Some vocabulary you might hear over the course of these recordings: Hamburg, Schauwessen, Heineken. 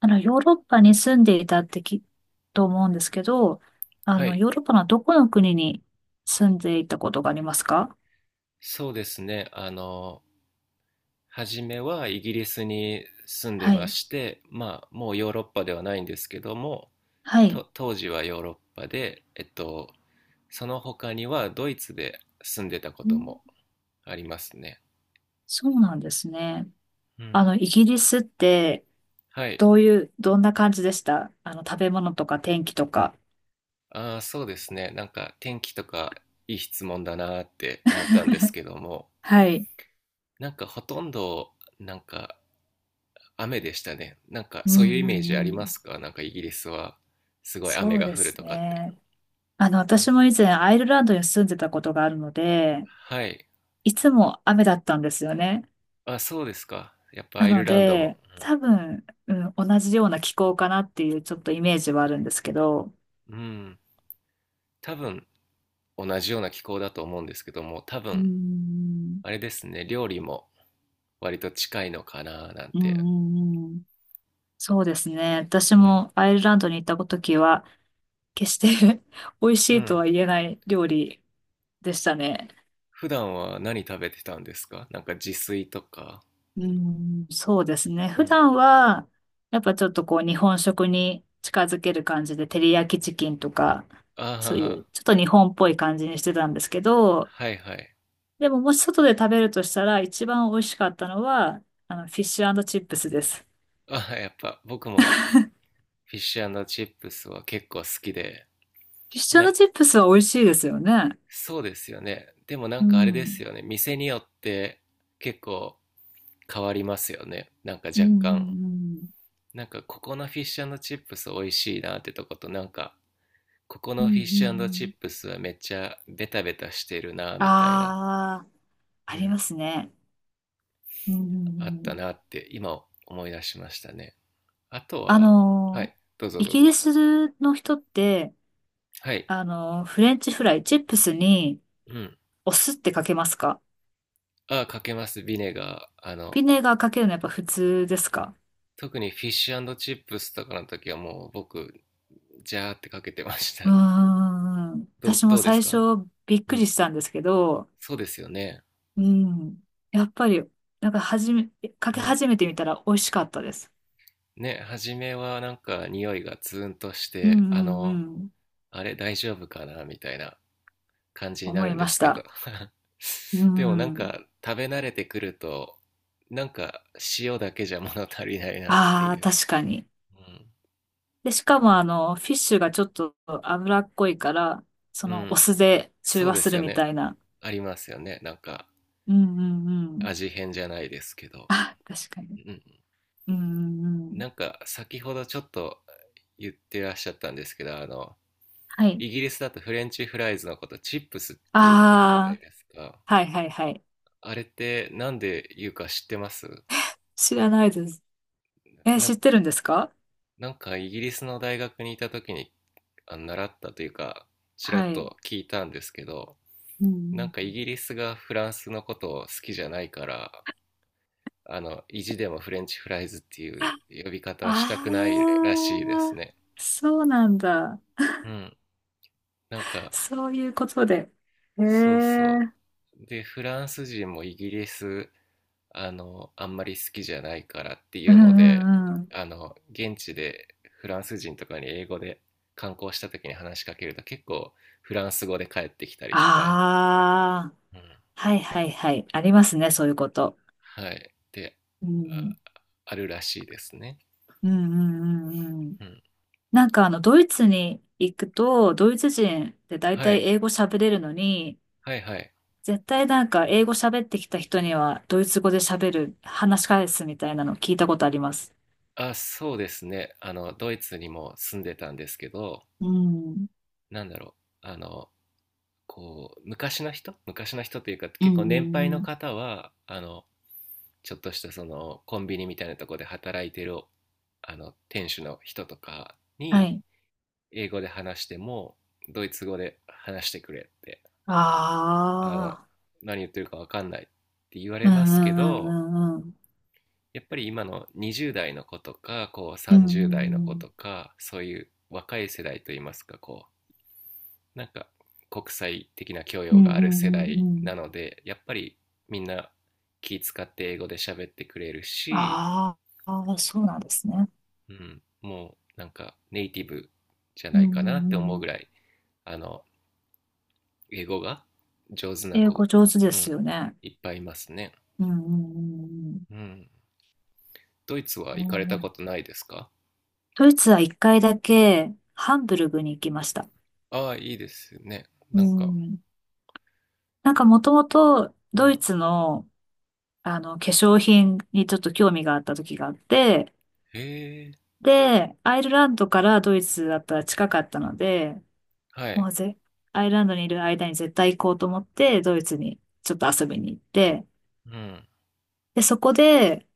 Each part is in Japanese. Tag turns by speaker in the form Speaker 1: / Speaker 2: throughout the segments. Speaker 1: ヨーロッパに住んでいたってきっと思うんですけど、
Speaker 2: はい、
Speaker 1: ヨーロッパのどこの国に住んでいたことがありますか？
Speaker 2: そうですね。初めはイギリスに住んで
Speaker 1: は
Speaker 2: ま
Speaker 1: い。
Speaker 2: して、まあ、もうヨーロッパではないんですけども、
Speaker 1: はい。
Speaker 2: 当時はヨーロッパで、その他にはドイツで住んでたこ
Speaker 1: う
Speaker 2: と
Speaker 1: ん。
Speaker 2: もありますね。
Speaker 1: そうなんですね。
Speaker 2: うん。
Speaker 1: イギリスって、
Speaker 2: はい。
Speaker 1: どういう、どんな感じでした？食べ物とか天気とか。
Speaker 2: ああ、そうですね。なんか天気とか、いい質問だなーって思ったんです けども、
Speaker 1: はい。
Speaker 2: なんかほとんど、なんか雨でしたね。なんか
Speaker 1: うん
Speaker 2: そう
Speaker 1: う
Speaker 2: いうイメー
Speaker 1: ん
Speaker 2: ジあ
Speaker 1: う
Speaker 2: りま
Speaker 1: ん。
Speaker 2: すか？なんかイギリスはすごい雨
Speaker 1: そう
Speaker 2: が
Speaker 1: で
Speaker 2: 降る
Speaker 1: す
Speaker 2: とかって。
Speaker 1: ね。私も以前アイルランドに住んでたことがあるので、
Speaker 2: はい。
Speaker 1: いつも雨だったんですよね。
Speaker 2: あ、そうですか。やっぱア
Speaker 1: な
Speaker 2: イ
Speaker 1: の
Speaker 2: ルランドも。
Speaker 1: で、多分、うん、同じような気候かなっていうちょっとイメージはあるんですけど、
Speaker 2: うん。多分同じような気候だと思うんですけども、多
Speaker 1: うー
Speaker 2: 分
Speaker 1: ん、
Speaker 2: あれですね。料理も割と近いのかななん
Speaker 1: うん、
Speaker 2: て。
Speaker 1: うんうん、そうですね。私
Speaker 2: うん。
Speaker 1: もアイルランドに行った時は、決して 美味し
Speaker 2: う
Speaker 1: いと
Speaker 2: ん。
Speaker 1: は言えない料理でしたね。
Speaker 2: 普段は何食べてたんですか？なんか自炊とか。
Speaker 1: うん、そうですね。
Speaker 2: う
Speaker 1: 普
Speaker 2: ん。
Speaker 1: 段は、やっぱちょっとこう日本食に近づける感じで、照り焼きチキンとか、そうい
Speaker 2: あ
Speaker 1: うちょっと日本っぽい感じにしてたんですけど、
Speaker 2: あ、はいはい。
Speaker 1: でももし外で食べるとしたら、一番美味しかったのは、フィッシュチップスです。フ
Speaker 2: ああ、やっぱ僕もフィッシュチップスは結構好きで、
Speaker 1: ィッシ
Speaker 2: な、
Speaker 1: ュチップスは美味しいですよね。
Speaker 2: そうですよね。でもなん
Speaker 1: う
Speaker 2: かあれです
Speaker 1: ん。
Speaker 2: よね。店によって結構変わりますよね。なんか
Speaker 1: うんう
Speaker 2: 若干。
Speaker 1: んうん。
Speaker 2: なんかここのフィッシュチップス美味しいなってとことなんかここ
Speaker 1: うん
Speaker 2: の
Speaker 1: う
Speaker 2: フィッ
Speaker 1: んう
Speaker 2: シュチ
Speaker 1: ん。
Speaker 2: ップスはめっちゃベタベタしてるなみたいな、
Speaker 1: ああ、
Speaker 2: う
Speaker 1: ありま
Speaker 2: ん、
Speaker 1: すね。うんうん
Speaker 2: あっ
Speaker 1: う
Speaker 2: た
Speaker 1: ん。
Speaker 2: なって今思い出しましたね。あと
Speaker 1: あ
Speaker 2: は、は
Speaker 1: の
Speaker 2: い、どうぞ
Speaker 1: イ
Speaker 2: どう
Speaker 1: ギ
Speaker 2: ぞ。
Speaker 1: リスの人って、
Speaker 2: はい、
Speaker 1: あのー、フレンチフライ、チップスに
Speaker 2: うん。
Speaker 1: お酢ってかけますか？
Speaker 2: あ、かけます、ビネガー。
Speaker 1: ビネガーかけるのやっぱ普通ですか？
Speaker 2: 特にフィッシュチップスとかの時はもう僕、ジャーってかけてました
Speaker 1: うー
Speaker 2: ね。
Speaker 1: ん。
Speaker 2: どう、
Speaker 1: 私も
Speaker 2: どうです
Speaker 1: 最初
Speaker 2: か
Speaker 1: びっ
Speaker 2: う
Speaker 1: くり
Speaker 2: ん。
Speaker 1: したんですけど、
Speaker 2: そうですよね。
Speaker 1: うん。やっぱり、なんか始め、か
Speaker 2: う
Speaker 1: け
Speaker 2: ん。
Speaker 1: 始めてみたら美味しかったです。
Speaker 2: ね、初めはなんか匂いがツーンとし
Speaker 1: うん
Speaker 2: て、
Speaker 1: うんうん。
Speaker 2: あれ大丈夫かなみたいな感じにな
Speaker 1: 思
Speaker 2: る
Speaker 1: い
Speaker 2: んで
Speaker 1: まし
Speaker 2: すけど。
Speaker 1: た。う
Speaker 2: でもなん
Speaker 1: ん。
Speaker 2: か食べ慣れてくると、なんか塩だけじゃ物足りないなって
Speaker 1: ああ、
Speaker 2: いう。
Speaker 1: 確かに。
Speaker 2: うん。
Speaker 1: で、しかもフィッシュがちょっと脂っこいから、そ
Speaker 2: う
Speaker 1: のお
Speaker 2: ん。
Speaker 1: 酢で中
Speaker 2: そう
Speaker 1: 和
Speaker 2: で
Speaker 1: す
Speaker 2: す
Speaker 1: る
Speaker 2: よ
Speaker 1: み
Speaker 2: ね。
Speaker 1: たいな。
Speaker 2: ありますよね。なんか
Speaker 1: うんうんうん。
Speaker 2: 味変じゃないですけど。
Speaker 1: 確か
Speaker 2: う
Speaker 1: に。
Speaker 2: ん。
Speaker 1: うんうんうん。
Speaker 2: なんか先ほどちょっと言ってらっしゃったんですけど、
Speaker 1: はい。
Speaker 2: イギリスだとフレンチフライズのことチップスって言うじゃない
Speaker 1: あ
Speaker 2: ですか。
Speaker 1: あ、はいはいはい。
Speaker 2: あれってなんで言うか知ってます？
Speaker 1: 知らないです。え、
Speaker 2: な、
Speaker 1: 知ってるんですか？
Speaker 2: なんかイギリスの大学にいた時に習ったというか、ちらっ
Speaker 1: はい。
Speaker 2: と聞いたんですけど、
Speaker 1: う
Speaker 2: なん
Speaker 1: ん
Speaker 2: か
Speaker 1: う
Speaker 2: イ
Speaker 1: ん。
Speaker 2: ギリスがフランスのことを好きじゃないから、意地でもフレンチフライズっていう呼び方はしたくないら
Speaker 1: あ
Speaker 2: しいです
Speaker 1: あ、
Speaker 2: ね。
Speaker 1: そうなんだ。
Speaker 2: うん。なんか、
Speaker 1: そういうことで。へえ。
Speaker 2: そうそ
Speaker 1: うん
Speaker 2: う。で、フランス人もイギリスあんまり好きじゃないからって
Speaker 1: う
Speaker 2: いうので、
Speaker 1: んうん。
Speaker 2: 現地でフランス人とかに英語で観光した時に話しかけると結構フランス語で帰ってきたりとか、
Speaker 1: あ
Speaker 2: うん。
Speaker 1: あ、はいはいはい。ありますね、そういうこと。
Speaker 2: はい、で、
Speaker 1: うん。
Speaker 2: あ、あるらしいですね。
Speaker 1: うんうんうんうん。
Speaker 2: うん。
Speaker 1: なんかドイツに行くと、ドイツ人って大
Speaker 2: は
Speaker 1: 体
Speaker 2: い、
Speaker 1: 英語喋れるのに、
Speaker 2: はいはい。
Speaker 1: 絶対なんか英語喋ってきた人には、ドイツ語で話し返すみたいなの聞いたことあります。
Speaker 2: あ、そうですね。ドイツにも住んでたんですけど、
Speaker 1: うん。
Speaker 2: なんだろう、こう、昔の人、昔の人というか、
Speaker 1: うん
Speaker 2: 結構
Speaker 1: う
Speaker 2: 年配
Speaker 1: んう
Speaker 2: の
Speaker 1: ん。
Speaker 2: 方は、ちょっとしたそのコンビニみたいなとこで働いてるあの店主の人とか
Speaker 1: は
Speaker 2: に
Speaker 1: い。
Speaker 2: 英語で話してもドイツ語で話してくれってあの
Speaker 1: ああ。
Speaker 2: 何言ってるか分かんないって言わ
Speaker 1: う
Speaker 2: れ
Speaker 1: ん
Speaker 2: ま
Speaker 1: う
Speaker 2: すけ
Speaker 1: んう
Speaker 2: ど、
Speaker 1: んうんうん。
Speaker 2: やっぱり今の20代の子とかこう
Speaker 1: うんう
Speaker 2: 30代の
Speaker 1: んう
Speaker 2: 子
Speaker 1: ん。
Speaker 2: とかそういう若い世代といいますか、こうなんか国際的な教
Speaker 1: うん
Speaker 2: 養があ
Speaker 1: う
Speaker 2: る
Speaker 1: んう
Speaker 2: 世代
Speaker 1: んうん。
Speaker 2: なのでやっぱりみんな気使って英語で喋ってくれるし、
Speaker 1: あーあー、そうなんですね。
Speaker 2: うん、もうなんかネイティブじゃ
Speaker 1: う
Speaker 2: な
Speaker 1: んう
Speaker 2: い
Speaker 1: ん
Speaker 2: かなって思う
Speaker 1: う
Speaker 2: ぐ
Speaker 1: ん。
Speaker 2: らい、あの、英語が上手な
Speaker 1: 英
Speaker 2: 子、
Speaker 1: 語上手で
Speaker 2: う
Speaker 1: す
Speaker 2: ん、
Speaker 1: よね。
Speaker 2: いっぱいいますね。
Speaker 1: うんうん
Speaker 2: うん。ドイツは
Speaker 1: うん
Speaker 2: 行
Speaker 1: う
Speaker 2: か
Speaker 1: ん。
Speaker 2: れた
Speaker 1: ね
Speaker 2: こと
Speaker 1: え、
Speaker 2: ないですか？
Speaker 1: ドイツは一回だけハンブルグに行きました。
Speaker 2: ああ、いいですね。
Speaker 1: う
Speaker 2: なんか、
Speaker 1: ん。なんかもともと
Speaker 2: う
Speaker 1: ドイ
Speaker 2: ん。
Speaker 1: ツの、あの化粧品にちょっと興味があった時があって、
Speaker 2: へえ、
Speaker 1: で、アイルランドからドイツだったら近かったので、
Speaker 2: は
Speaker 1: も
Speaker 2: い。
Speaker 1: うぜ、アイルランドにいる間に絶対行こうと思って、ドイツにちょっと遊びに行って、
Speaker 2: うん、
Speaker 1: で、そこで、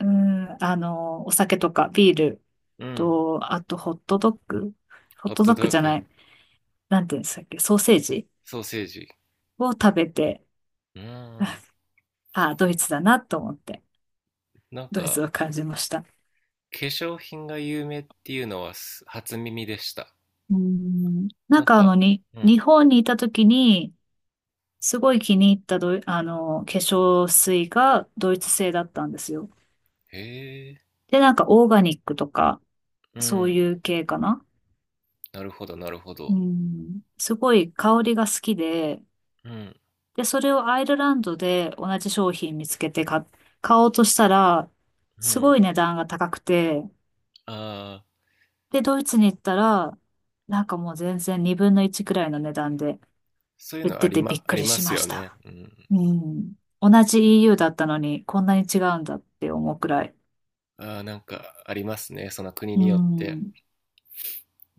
Speaker 1: うん、お酒とかビール
Speaker 2: うん。
Speaker 1: と、あとホットドッグ、ホッ
Speaker 2: ホッ
Speaker 1: ト
Speaker 2: ト
Speaker 1: ドッ
Speaker 2: ド
Speaker 1: グ
Speaker 2: ッ
Speaker 1: じゃ
Speaker 2: グ、
Speaker 1: ない。なんていうんでしたっけ？ソーセージ
Speaker 2: ソーセージ。
Speaker 1: を食べて、
Speaker 2: うん。
Speaker 1: ああ、ドイツだなと思って、
Speaker 2: なん
Speaker 1: ドイツ
Speaker 2: か、
Speaker 1: を感じました。
Speaker 2: 化粧品が有名っていうのは初耳でした。
Speaker 1: うん、な
Speaker 2: な
Speaker 1: ん
Speaker 2: ん
Speaker 1: か
Speaker 2: か、うん。
Speaker 1: 日本にいた時に、すごい気に入ったドイ、あの、化粧水がドイツ製だったんですよ。
Speaker 2: へえ、
Speaker 1: で、なんかオーガニックとか、
Speaker 2: う
Speaker 1: そう
Speaker 2: ん。
Speaker 1: いう系かな。
Speaker 2: なるほど、なるほ
Speaker 1: う
Speaker 2: ど。
Speaker 1: ん、すごい香りが好きで、
Speaker 2: うん。
Speaker 1: で、それをアイルランドで同じ商品見つけて買おうとしたら、
Speaker 2: う
Speaker 1: すご
Speaker 2: ん。
Speaker 1: い値段が高くて、
Speaker 2: ああ、
Speaker 1: で、ドイツに行ったら、なんかもう全然2分の1くらいの値段で
Speaker 2: そういう
Speaker 1: 売っ
Speaker 2: の
Speaker 1: ててびっ
Speaker 2: あ
Speaker 1: く
Speaker 2: り
Speaker 1: り
Speaker 2: ま
Speaker 1: し
Speaker 2: す
Speaker 1: ま
Speaker 2: よ
Speaker 1: し
Speaker 2: ね。
Speaker 1: た。
Speaker 2: うん。
Speaker 1: うん。同じ EU だったのにこんなに違うんだって思うくらい。
Speaker 2: ああ、なんかありますね。その国
Speaker 1: う
Speaker 2: によって。
Speaker 1: ん。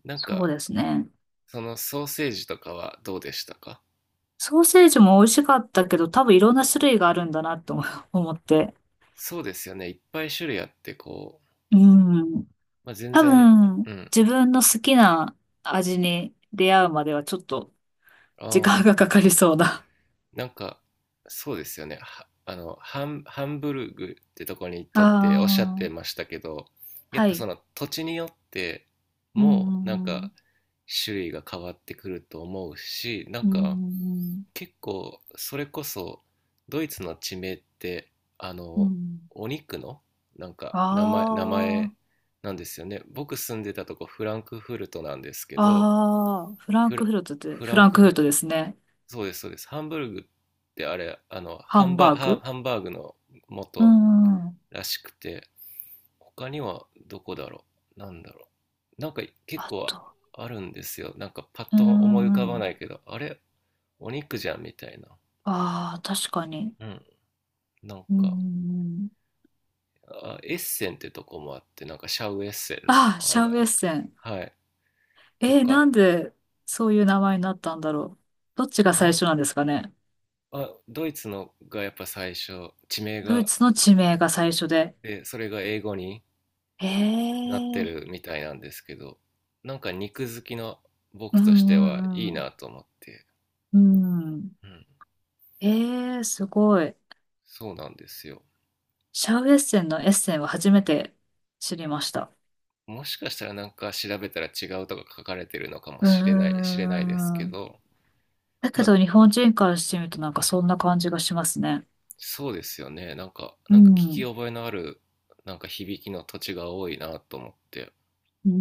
Speaker 2: なん
Speaker 1: そう
Speaker 2: か、
Speaker 1: ですね。
Speaker 2: そのソーセージとかはどうでしたか？
Speaker 1: ソーセージも美味しかったけど、多分いろんな種類があるんだなって思 思って。
Speaker 2: そうですよね。いっぱい種類あって、こう、
Speaker 1: うん。
Speaker 2: まあ、全
Speaker 1: 多
Speaker 2: 然、
Speaker 1: 分、
Speaker 2: うん。
Speaker 1: 自分の好きな味に出会うまではちょっと
Speaker 2: あ
Speaker 1: 時間
Speaker 2: あ、
Speaker 1: がかかりそうだ。
Speaker 2: なんか、そうですよね。はハンブルグってとこに行っ
Speaker 1: あ
Speaker 2: たっておっしゃってま
Speaker 1: あ、
Speaker 2: したけど、やっ
Speaker 1: は
Speaker 2: ぱそ
Speaker 1: い。
Speaker 2: の土地によって
Speaker 1: う
Speaker 2: もなん
Speaker 1: ん、うん、
Speaker 2: か種類が変わってくると思うし、なん
Speaker 1: う
Speaker 2: か
Speaker 1: ん、
Speaker 2: 結構それこそドイツの地名って、あ
Speaker 1: うん。う
Speaker 2: の、
Speaker 1: ん。
Speaker 2: お肉のなんか名前
Speaker 1: あ
Speaker 2: なんですよね。僕住んでたとこフランクフルトなんですけ
Speaker 1: あ、
Speaker 2: ど、
Speaker 1: ああ、フラン
Speaker 2: フ
Speaker 1: ク
Speaker 2: ラ、
Speaker 1: フルトって、
Speaker 2: フ
Speaker 1: フ
Speaker 2: ラン
Speaker 1: ラン
Speaker 2: ク
Speaker 1: クフル
Speaker 2: フ
Speaker 1: トですね。
Speaker 2: そうです、そうです。ハンブルグってあれ
Speaker 1: ハンバーグ。
Speaker 2: ハンバーグの
Speaker 1: う
Speaker 2: 元
Speaker 1: ん、うん。
Speaker 2: らしくて、他にはどこだろう、なんだろう、なんか結
Speaker 1: あ
Speaker 2: 構
Speaker 1: と、
Speaker 2: あるんですよ。なんかパッ
Speaker 1: う
Speaker 2: と思い浮か
Speaker 1: ん、
Speaker 2: ば
Speaker 1: う
Speaker 2: な
Speaker 1: ん。
Speaker 2: いけど、あれお肉じゃんみたいな。
Speaker 1: ああ、確かに。
Speaker 2: うん、なん
Speaker 1: う
Speaker 2: か、
Speaker 1: ん。
Speaker 2: あ、エッセンってとこもあって、なんかシャウエッセンの
Speaker 1: ああ、
Speaker 2: あ
Speaker 1: シャ
Speaker 2: れ、
Speaker 1: ウエッセン。
Speaker 2: はい、と
Speaker 1: えー、な
Speaker 2: か、
Speaker 1: んでそういう名前になったんだろう。どっちが
Speaker 2: な
Speaker 1: 最
Speaker 2: ん
Speaker 1: 初なんですかね？
Speaker 2: あドイツのがやっぱ最初、地名
Speaker 1: ドイ
Speaker 2: が、
Speaker 1: ツの地名が最初で。
Speaker 2: でそれが英語に
Speaker 1: へ
Speaker 2: なって
Speaker 1: え、
Speaker 2: るみたいなんですけど、なんか肉好きの
Speaker 1: う
Speaker 2: 僕としてはい
Speaker 1: ん
Speaker 2: い
Speaker 1: うん
Speaker 2: なと思って、
Speaker 1: うん。うん。
Speaker 2: うん、
Speaker 1: ええ、すごい。
Speaker 2: そうなんですよ。
Speaker 1: シャウエッセンのエッセンは初めて知りました。
Speaker 2: もしかしたらなんか調べたら違うとか書かれてるのかも
Speaker 1: うー
Speaker 2: しれない、知れないですけ
Speaker 1: ん。
Speaker 2: ど、
Speaker 1: だけ
Speaker 2: ま
Speaker 1: ど
Speaker 2: あ
Speaker 1: 日本人からしてみるとなんかそんな感じがしますね。
Speaker 2: そうですよね。
Speaker 1: う
Speaker 2: なんか聞
Speaker 1: ん。う
Speaker 2: き
Speaker 1: ん
Speaker 2: 覚えのある、なんか響きの土地が多いなと思って。
Speaker 1: うんうん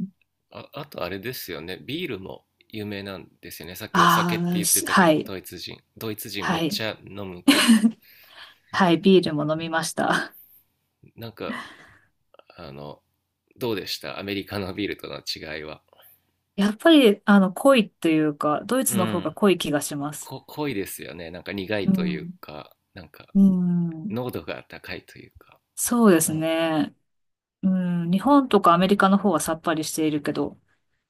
Speaker 1: うん。
Speaker 2: あ、あとあれですよね。ビールも有名なんですよね。さっきお酒
Speaker 1: あ
Speaker 2: って
Speaker 1: あー、
Speaker 2: 言ってたけ
Speaker 1: は
Speaker 2: ど、
Speaker 1: い。
Speaker 2: ドイツ人。ドイツ人め
Speaker 1: は
Speaker 2: っち
Speaker 1: い。
Speaker 2: ゃ飲むから。
Speaker 1: はい。ビールも飲みました。
Speaker 2: なんかあの、どうでしたアメリカのビールとの違いは。
Speaker 1: やっぱり、濃いというか、ドイ
Speaker 2: う
Speaker 1: ツの方が
Speaker 2: ん。
Speaker 1: 濃い気がします。
Speaker 2: 濃いですよね。なんか苦
Speaker 1: う
Speaker 2: いという
Speaker 1: ん。
Speaker 2: か、なんか
Speaker 1: うん。
Speaker 2: 濃度が高いというか。
Speaker 1: そうですね。うん、日本とかアメリカの方はさっぱりしているけど、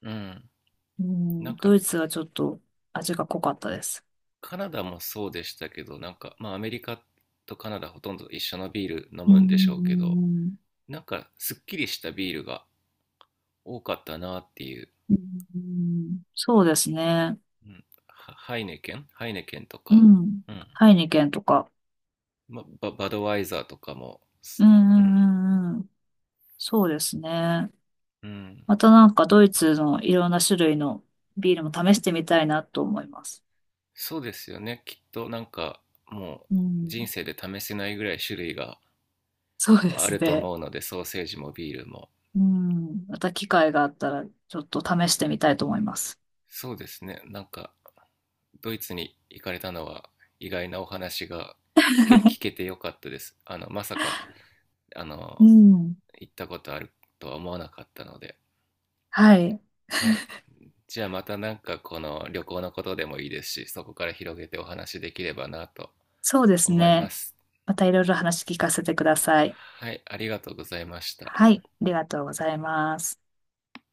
Speaker 2: うん。
Speaker 1: う
Speaker 2: なん
Speaker 1: ん、ド
Speaker 2: か
Speaker 1: イツはちょっと味が濃かったです。
Speaker 2: カナダもそうでしたけど、なんかまあアメリカとカナダほとんど一緒のビール飲
Speaker 1: う
Speaker 2: むんでしょうけど、
Speaker 1: ん。
Speaker 2: なんかすっきりしたビールが多かったなっていう。
Speaker 1: うん。そうですね。
Speaker 2: うん、ハイネケンと
Speaker 1: う
Speaker 2: か、
Speaker 1: ん。
Speaker 2: うん。
Speaker 1: ハイニケンとか。
Speaker 2: ま、バドワイザーとかも、
Speaker 1: うん
Speaker 2: う
Speaker 1: う
Speaker 2: ん。
Speaker 1: んうんうん。そうですね。
Speaker 2: うん。
Speaker 1: またなんかドイツのいろんな種類のビールも試してみたいなと思います。
Speaker 2: そうですよね。きっとなんかも
Speaker 1: う
Speaker 2: う
Speaker 1: ん。
Speaker 2: 人生で試せないぐらい種類が
Speaker 1: そうで
Speaker 2: あ
Speaker 1: す
Speaker 2: ると
Speaker 1: ね。
Speaker 2: 思うので、ソーセージもビールも。
Speaker 1: うん。また機会があったらちょっと試してみたいと思います。
Speaker 2: そうですね。なんかドイツに行かれたのは意外なお話が聞けてよかったです。まさか、あ
Speaker 1: う
Speaker 2: の、
Speaker 1: ん。
Speaker 2: 行ったことあるとは思わなかったので。
Speaker 1: はい。
Speaker 2: はい。じゃあまたなんかこの旅行のことでもいいですし、そこから広げてお話できればなと
Speaker 1: そうです
Speaker 2: 思いま
Speaker 1: ね。
Speaker 2: す。
Speaker 1: またいろいろ話聞かせてください。
Speaker 2: はい、ありがとうございました。
Speaker 1: はい、ありがとうございます。